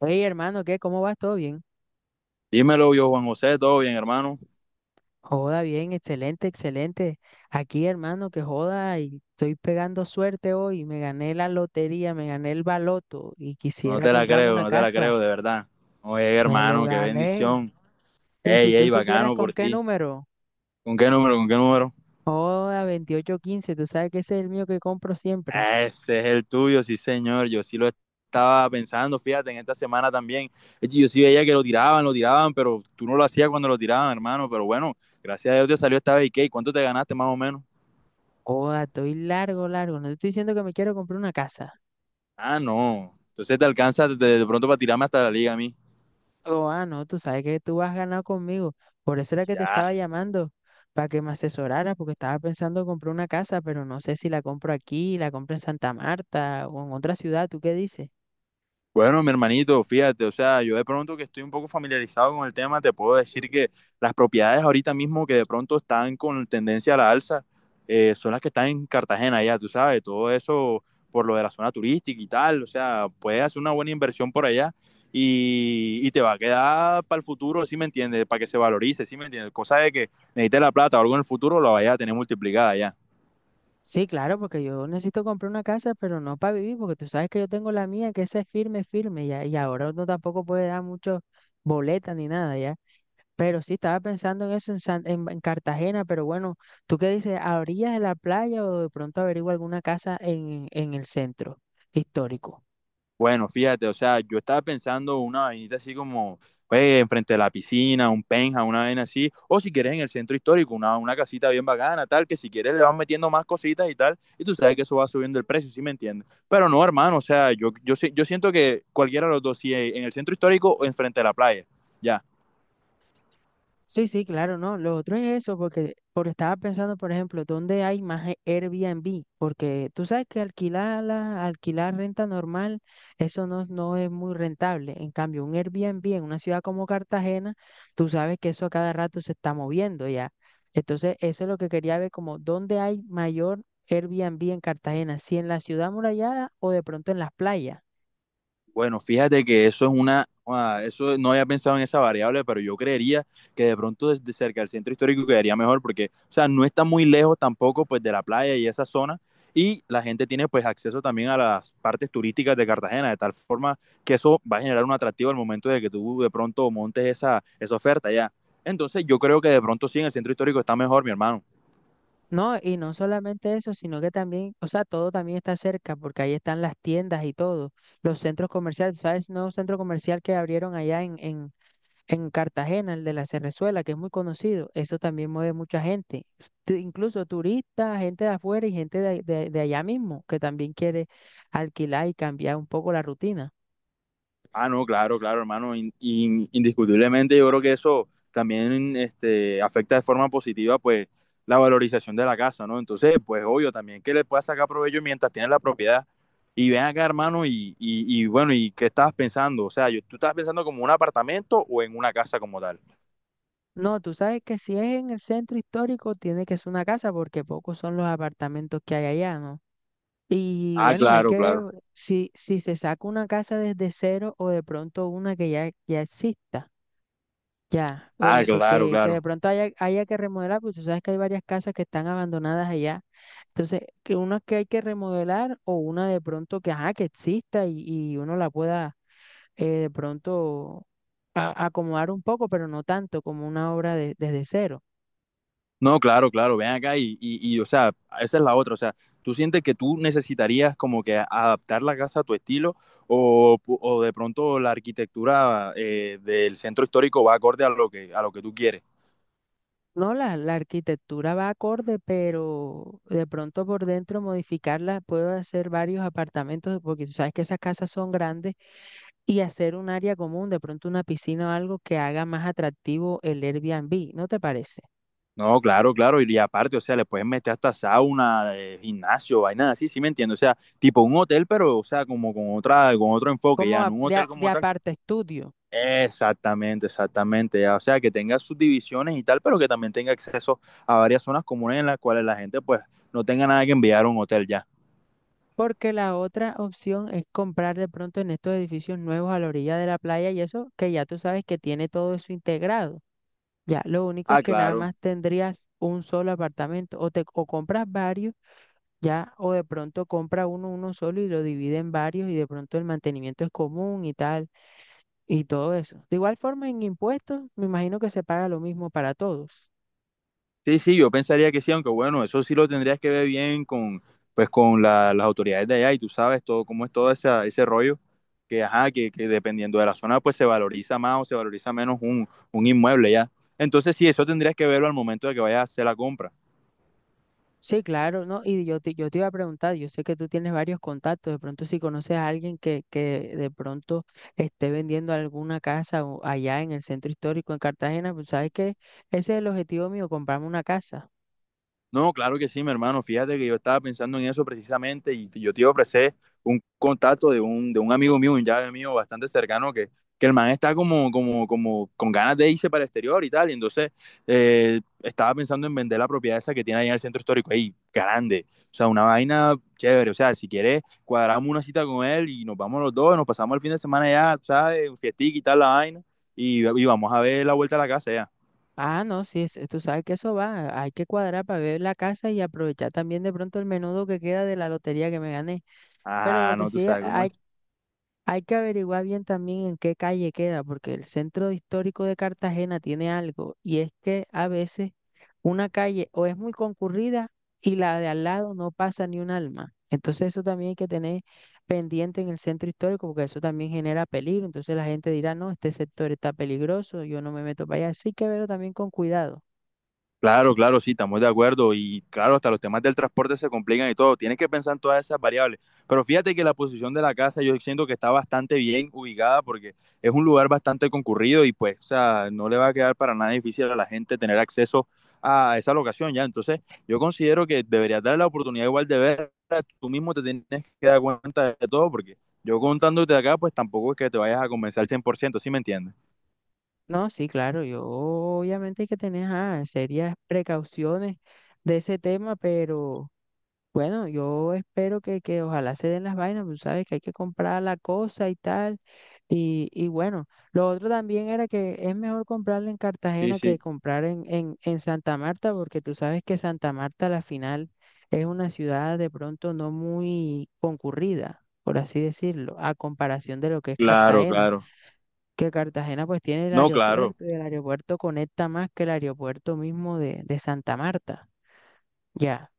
Oye, hermano, ¿qué? ¿Cómo vas? ¿Todo bien? Dímelo yo, Juan José, todo bien, hermano. Joda, bien, excelente, excelente. Aquí, hermano, que joda, y estoy pegando suerte hoy. Me gané la lotería, me gané el baloto y No quisiera te la comprarme creo, una no te la creo, casa. de verdad. Oye, Me lo hermano, qué gané. bendición. Y si Ey, tú ey, supieras bacano por con qué ti. número, ¿Con qué número, con qué número? joda, 28 15, tú sabes que ese es el mío que compro siempre. Ese es el tuyo, sí, señor. Yo sí lo estaba pensando, fíjate, en esta semana también. Es que yo sí veía que lo tiraban, pero tú no lo hacías cuando lo tiraban, hermano. Pero bueno, gracias a Dios te salió esta vez. ¿Y qué? ¿Cuánto te ganaste más o menos? Joda, estoy largo, largo. No te estoy diciendo que me quiero comprar una casa. Ah, no. Entonces te alcanza de pronto para tirarme hasta la liga a mí. Oh, ah, no, tú sabes que tú has ganado conmigo. Por eso era que te Ya. estaba llamando, para que me asesorara, porque estaba pensando comprar una casa, pero no sé si la compro aquí, la compro en Santa Marta o en otra ciudad. ¿Tú qué dices? Bueno, mi hermanito, fíjate, o sea, yo de pronto que estoy un poco familiarizado con el tema, te puedo decir que las propiedades ahorita mismo que de pronto están con tendencia a la alza, son las que están en Cartagena ya, tú sabes, todo eso por lo de la zona turística y tal, o sea, puedes hacer una buena inversión por allá y te va a quedar para el futuro, ¿sí me entiendes? Para que se valorice, ¿sí me entiendes? Cosa de que necesites la plata o algo en el futuro, la vayas a tener multiplicada ya. Sí, claro, porque yo necesito comprar una casa, pero no para vivir, porque tú sabes que yo tengo la mía, que esa es firme, firme, y, y ahora uno tampoco puede dar mucho boleta ni nada, ¿ya? Pero sí, estaba pensando en eso en, en Cartagena, pero bueno, ¿tú qué dices? ¿A orillas de la playa o de pronto averigua alguna casa en el centro histórico? Bueno, fíjate, o sea, yo estaba pensando una vainita así como, pues, enfrente de la piscina, un penja, una vaina así, o si quieres en el centro histórico, una casita bien bacana, tal, que si quieres le vas metiendo más cositas y tal, y tú sabes que eso va subiendo el precio, ¿sí me entiendes? Pero no, hermano, o sea, yo, si- yo siento que cualquiera de los dos, si en el centro histórico o enfrente de la playa, ya. Sí, sí, claro, no. Lo otro es eso, porque, porque estaba pensando, por ejemplo, ¿dónde hay más Airbnb? Porque tú sabes que alquilar, la, alquilar renta normal, eso no, no es muy rentable. En cambio, un Airbnb en una ciudad como Cartagena, tú sabes que eso a cada rato se está moviendo ya. Entonces, eso es lo que quería ver, como dónde hay mayor Airbnb en Cartagena, si en la ciudad amurallada o de pronto en las playas. Bueno, fíjate que eso es una, eso no había pensado en esa variable, pero yo creería que de pronto desde cerca del centro histórico quedaría mejor porque, o sea, no está muy lejos tampoco pues de la playa y esa zona y la gente tiene pues acceso también a las partes turísticas de Cartagena, de tal forma que eso va a generar un atractivo al momento de que tú de pronto montes esa oferta ya. Entonces yo creo que de pronto sí en el centro histórico está mejor, mi hermano. No, y no solamente eso, sino que también, o sea, todo también está cerca, porque ahí están las tiendas y todo, los centros comerciales, ¿sabes? Nuevo centro comercial que abrieron allá en Cartagena, el de la Cerrezuela, que es muy conocido, eso también mueve mucha gente, incluso turistas, gente de afuera y gente de allá mismo, que también quiere alquilar y cambiar un poco la rutina. Ah, no, claro, claro, hermano. Indiscutiblemente yo creo que eso también afecta de forma positiva, pues, la valorización de la casa, ¿no? Entonces, pues, obvio, también que le puedas sacar provecho mientras tienes la propiedad. Y ven acá, hermano, y bueno, ¿y qué estabas pensando? O sea, ¿tú estabas pensando como un apartamento o en una casa como tal? No, tú sabes que si es en el centro histórico, tiene que ser una casa, porque pocos son los apartamentos que hay allá, ¿no? Y Ah, sí, bueno, hay claro, que ver claro. si se saca una casa desde cero o de pronto una que ya exista, ya, o Ah, de, de claro, que, que de claro. pronto haya que remodelar, pues tú sabes que hay varias casas que están abandonadas allá. Entonces, que una que hay que remodelar o una de pronto que, ajá, que exista y uno la pueda de pronto acomodar un poco, pero no tanto como una obra desde cero. No, claro, claro, ven acá o sea, esa es la otra, o sea, ¿tú sientes que tú necesitarías como que adaptar la casa a tu estilo o de pronto la arquitectura del centro histórico va acorde a lo que tú quieres? No, la arquitectura va acorde, pero de pronto por dentro modificarla, puedo hacer varios apartamentos, porque tú sabes que esas casas son grandes, y hacer un área común, de pronto una piscina o algo que haga más atractivo el Airbnb, ¿no te parece? No, claro, claro, y aparte, o sea, le puedes meter hasta sauna, gimnasio, vainas así, sí me entiendo, o sea, tipo un hotel, pero, o sea, como con otra, con otro enfoque, Como ya, no un hotel de como tal. aparte estudio, Exactamente, exactamente. O sea, que tenga sus divisiones y tal, pero que también tenga acceso a varias zonas comunes en las cuales la gente pues no tenga nada que enviar a un hotel ya. porque la otra opción es comprar de pronto en estos edificios nuevos a la orilla de la playa y eso que ya tú sabes que tiene todo eso integrado. Ya, lo único es Ah, que nada claro. más tendrías un solo apartamento o te o compras varios. Ya, o de pronto compra uno solo y lo divide en varios y de pronto el mantenimiento es común y tal, y todo eso. De igual forma, en impuestos, me imagino que se paga lo mismo para todos. Sí, sí, yo pensaría que sí, aunque bueno, eso sí lo tendrías que ver bien con pues con las autoridades de allá y tú sabes todo cómo es todo ese rollo que ajá, que dependiendo de la zona pues se valoriza más o se valoriza menos un inmueble ya. Entonces sí, eso tendrías que verlo al momento de que vayas a hacer la compra. Sí, claro, ¿no? Y yo te iba a preguntar, yo sé que tú tienes varios contactos, de pronto si conoces a alguien que de pronto esté vendiendo alguna casa o allá en el centro histórico en Cartagena, pues sabes que ese es el objetivo mío, comprarme una casa. No, claro que sí, mi hermano. Fíjate que yo estaba pensando en eso precisamente y yo te ofrecí un contacto de un amigo mío, un llave mío bastante cercano que el man está como con ganas de irse para el exterior y tal. Y entonces estaba pensando en vender la propiedad esa que tiene ahí en el centro histórico, ahí, grande. O sea, una vaina chévere. O sea, si quieres, cuadramos una cita con él y nos vamos los dos, nos pasamos el fin de semana ya, ¿sabes? Un fiestic y tal la vaina. Y vamos a ver la vuelta a la casa ya. Ah, no, sí, tú sabes que eso va. Hay que cuadrar para ver la casa y aprovechar también de pronto el menudo que queda de la lotería que me gané. Pero lo Ajá, que no, tú sabes cómo es. Hay que averiguar bien también en qué calle queda, porque el centro histórico de Cartagena tiene algo y es que a veces una calle o es muy concurrida y la de al lado no pasa ni un alma. Entonces eso también hay que tener pendiente en el centro histórico porque eso también genera peligro. Entonces la gente dirá, no, este sector está peligroso, yo no me meto para allá. Eso hay que verlo también con cuidado. Claro, claro, sí, estamos de acuerdo. Y claro, hasta los temas del transporte se complican y todo. Tienes que pensar en todas esas variables. Pero fíjate que la posición de la casa yo siento que está bastante bien ubicada porque es un lugar bastante concurrido y pues, o sea, no le va a quedar para nada difícil a la gente tener acceso a esa locación ya. Entonces, yo considero que deberías darle la oportunidad igual de verla. Tú mismo te tienes que dar cuenta de todo porque yo contándote acá, pues tampoco es que te vayas a convencer al 100%. ¿Sí me entiendes? No, sí, claro, yo obviamente hay que tener ajá, serias precauciones de ese tema, pero bueno, yo espero que ojalá se den las vainas, pues, tú sabes que hay que comprar la cosa y tal, y bueno, lo otro también era que es mejor comprarla en Sí, Cartagena que sí. comprar en Santa Marta, porque tú sabes que Santa Marta a la final es una ciudad de pronto no muy concurrida, por así decirlo, a comparación de lo que es Claro, Cartagena, claro. que Cartagena pues tiene el No, claro. aeropuerto y el aeropuerto conecta más que el aeropuerto mismo de Santa Marta. Ya,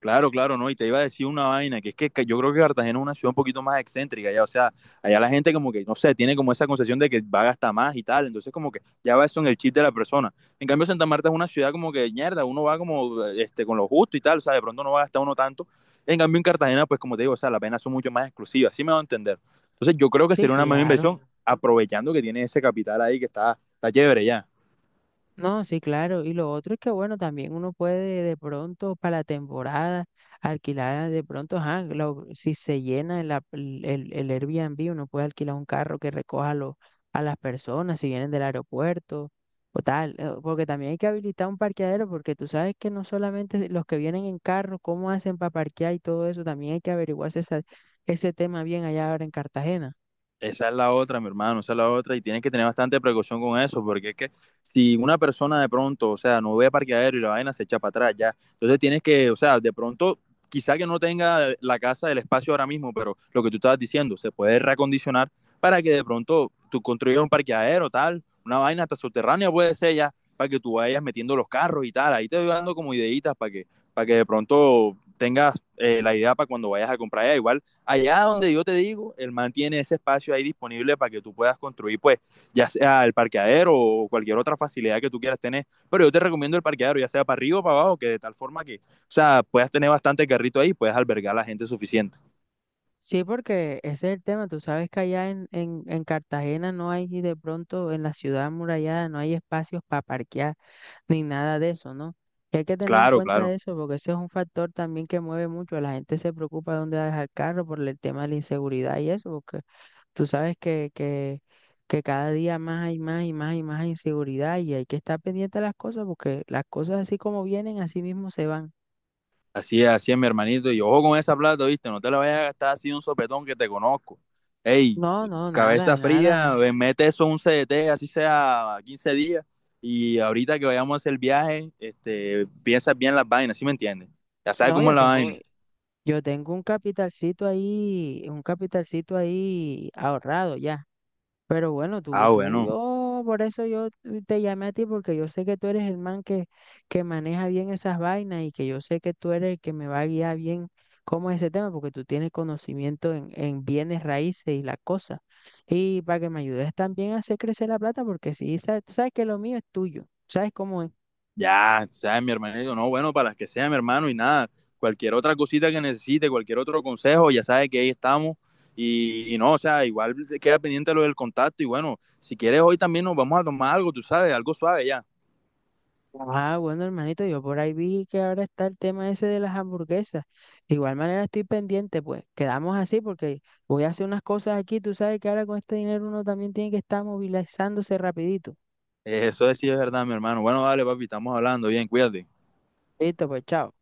Claro, claro, no, y te iba a decir una vaina, que es que yo creo que Cartagena es una ciudad un poquito más excéntrica, ya, o sea, allá la gente como que, no sé, tiene como esa concepción de que va a gastar más y tal, entonces como que ya va eso en el chip de la persona. En cambio, Santa Marta es una ciudad como que, mierda, uno va como, este, con lo justo y tal, o sea, de pronto no va a gastar uno tanto. En cambio, en Cartagena, pues como te digo, o sea, las penas son mucho más exclusivas, así me va a entender. Entonces, yo creo que sí, sería una mejor claro. inversión aprovechando que tiene ese capital ahí que está, está chévere ya. No, sí, claro. Y lo otro es que, bueno, también uno puede de pronto para la temporada alquilar de pronto, ajá, si se llena el, ap- el Airbnb, uno puede alquilar un carro que recoja a las personas si vienen del aeropuerto o tal. Porque también hay que habilitar un parqueadero porque tú sabes que no solamente los que vienen en carro, cómo hacen para parquear y todo eso, también hay que averiguarse ese tema bien allá ahora en Cartagena. Esa es la otra, mi hermano, esa es la otra, y tienes que tener bastante precaución con eso, porque es que si una persona de pronto, o sea, no ve parqueadero y la vaina se echa para atrás, ya. Entonces tienes que, o sea, de pronto, quizá que no tenga la casa, el espacio ahora mismo, pero lo que tú estabas diciendo, se puede reacondicionar para que de pronto tú construyas un parqueadero, tal, una vaina hasta subterránea puede ser ya, para que tú vayas metiendo los carros y tal. Ahí te voy dando como ideitas para que de pronto tengas la idea para cuando vayas a comprar allá. Igual allá donde yo te digo, el man tiene ese espacio ahí disponible para que tú puedas construir, pues, ya sea el parqueadero o cualquier otra facilidad que tú quieras tener. Pero yo te recomiendo el parqueadero, ya sea para arriba o para abajo, que de tal forma que, puedas tener bastante carrito ahí y puedas albergar a la gente suficiente. Sí, porque ese es el tema. Tú sabes que allá en Cartagena no hay y de pronto en la ciudad amurallada no hay espacios para parquear ni nada de eso, ¿no? Y hay que tener en Claro, cuenta claro. eso porque ese es un factor también que mueve mucho. La gente se preocupa dónde va a dejar el carro por el tema de la inseguridad y eso, porque tú sabes que cada día más hay más y más y más inseguridad y hay que estar pendiente de las cosas porque las cosas así como vienen, así mismo se van. Así es, mi hermanito. Y ojo con esa plata, ¿viste? No te la vayas a gastar así un sopetón que te conozco. Ey, No, no, cabeza nada, fría, nada. ve, mete eso en un CDT, así sea 15 días. Y ahorita que vayamos a hacer el viaje, este, piensas bien las vainas, ¿sí me entiendes? Ya sabes No, cómo yo es la tengo, vaina. Yo tengo un capitalcito ahí ahorrado ya. Pero bueno, Ah, bueno. Por eso yo te llamé a ti, porque yo sé que tú eres el man que maneja bien esas vainas y que yo sé que tú eres el que me va a guiar bien cómo es ese tema, porque tú tienes conocimiento en bienes raíces y las cosas. Y para que me ayudes también a hacer crecer la plata, porque sí, tú sabes que lo mío es tuyo. ¿Sabes cómo es? Ya, ¿sabes? Mi hermano dijo, no, bueno, para las que sea, mi hermano, y nada. Cualquier otra cosita que necesite, cualquier otro consejo, ya sabe que ahí estamos. Y no, o sea, igual se queda pendiente lo del contacto. Y bueno, si quieres, hoy también nos vamos a tomar algo, tú sabes, algo suave ya. Ah, bueno, hermanito, yo por ahí vi que ahora está el tema ese de las hamburguesas. De igual manera estoy pendiente, pues quedamos así porque voy a hacer unas cosas aquí. Tú sabes que ahora con este dinero uno también tiene que estar movilizándose rapidito. Eso es, sí es verdad, mi hermano. Bueno, dale, papi, estamos hablando. Bien, cuídate. Listo, pues chao.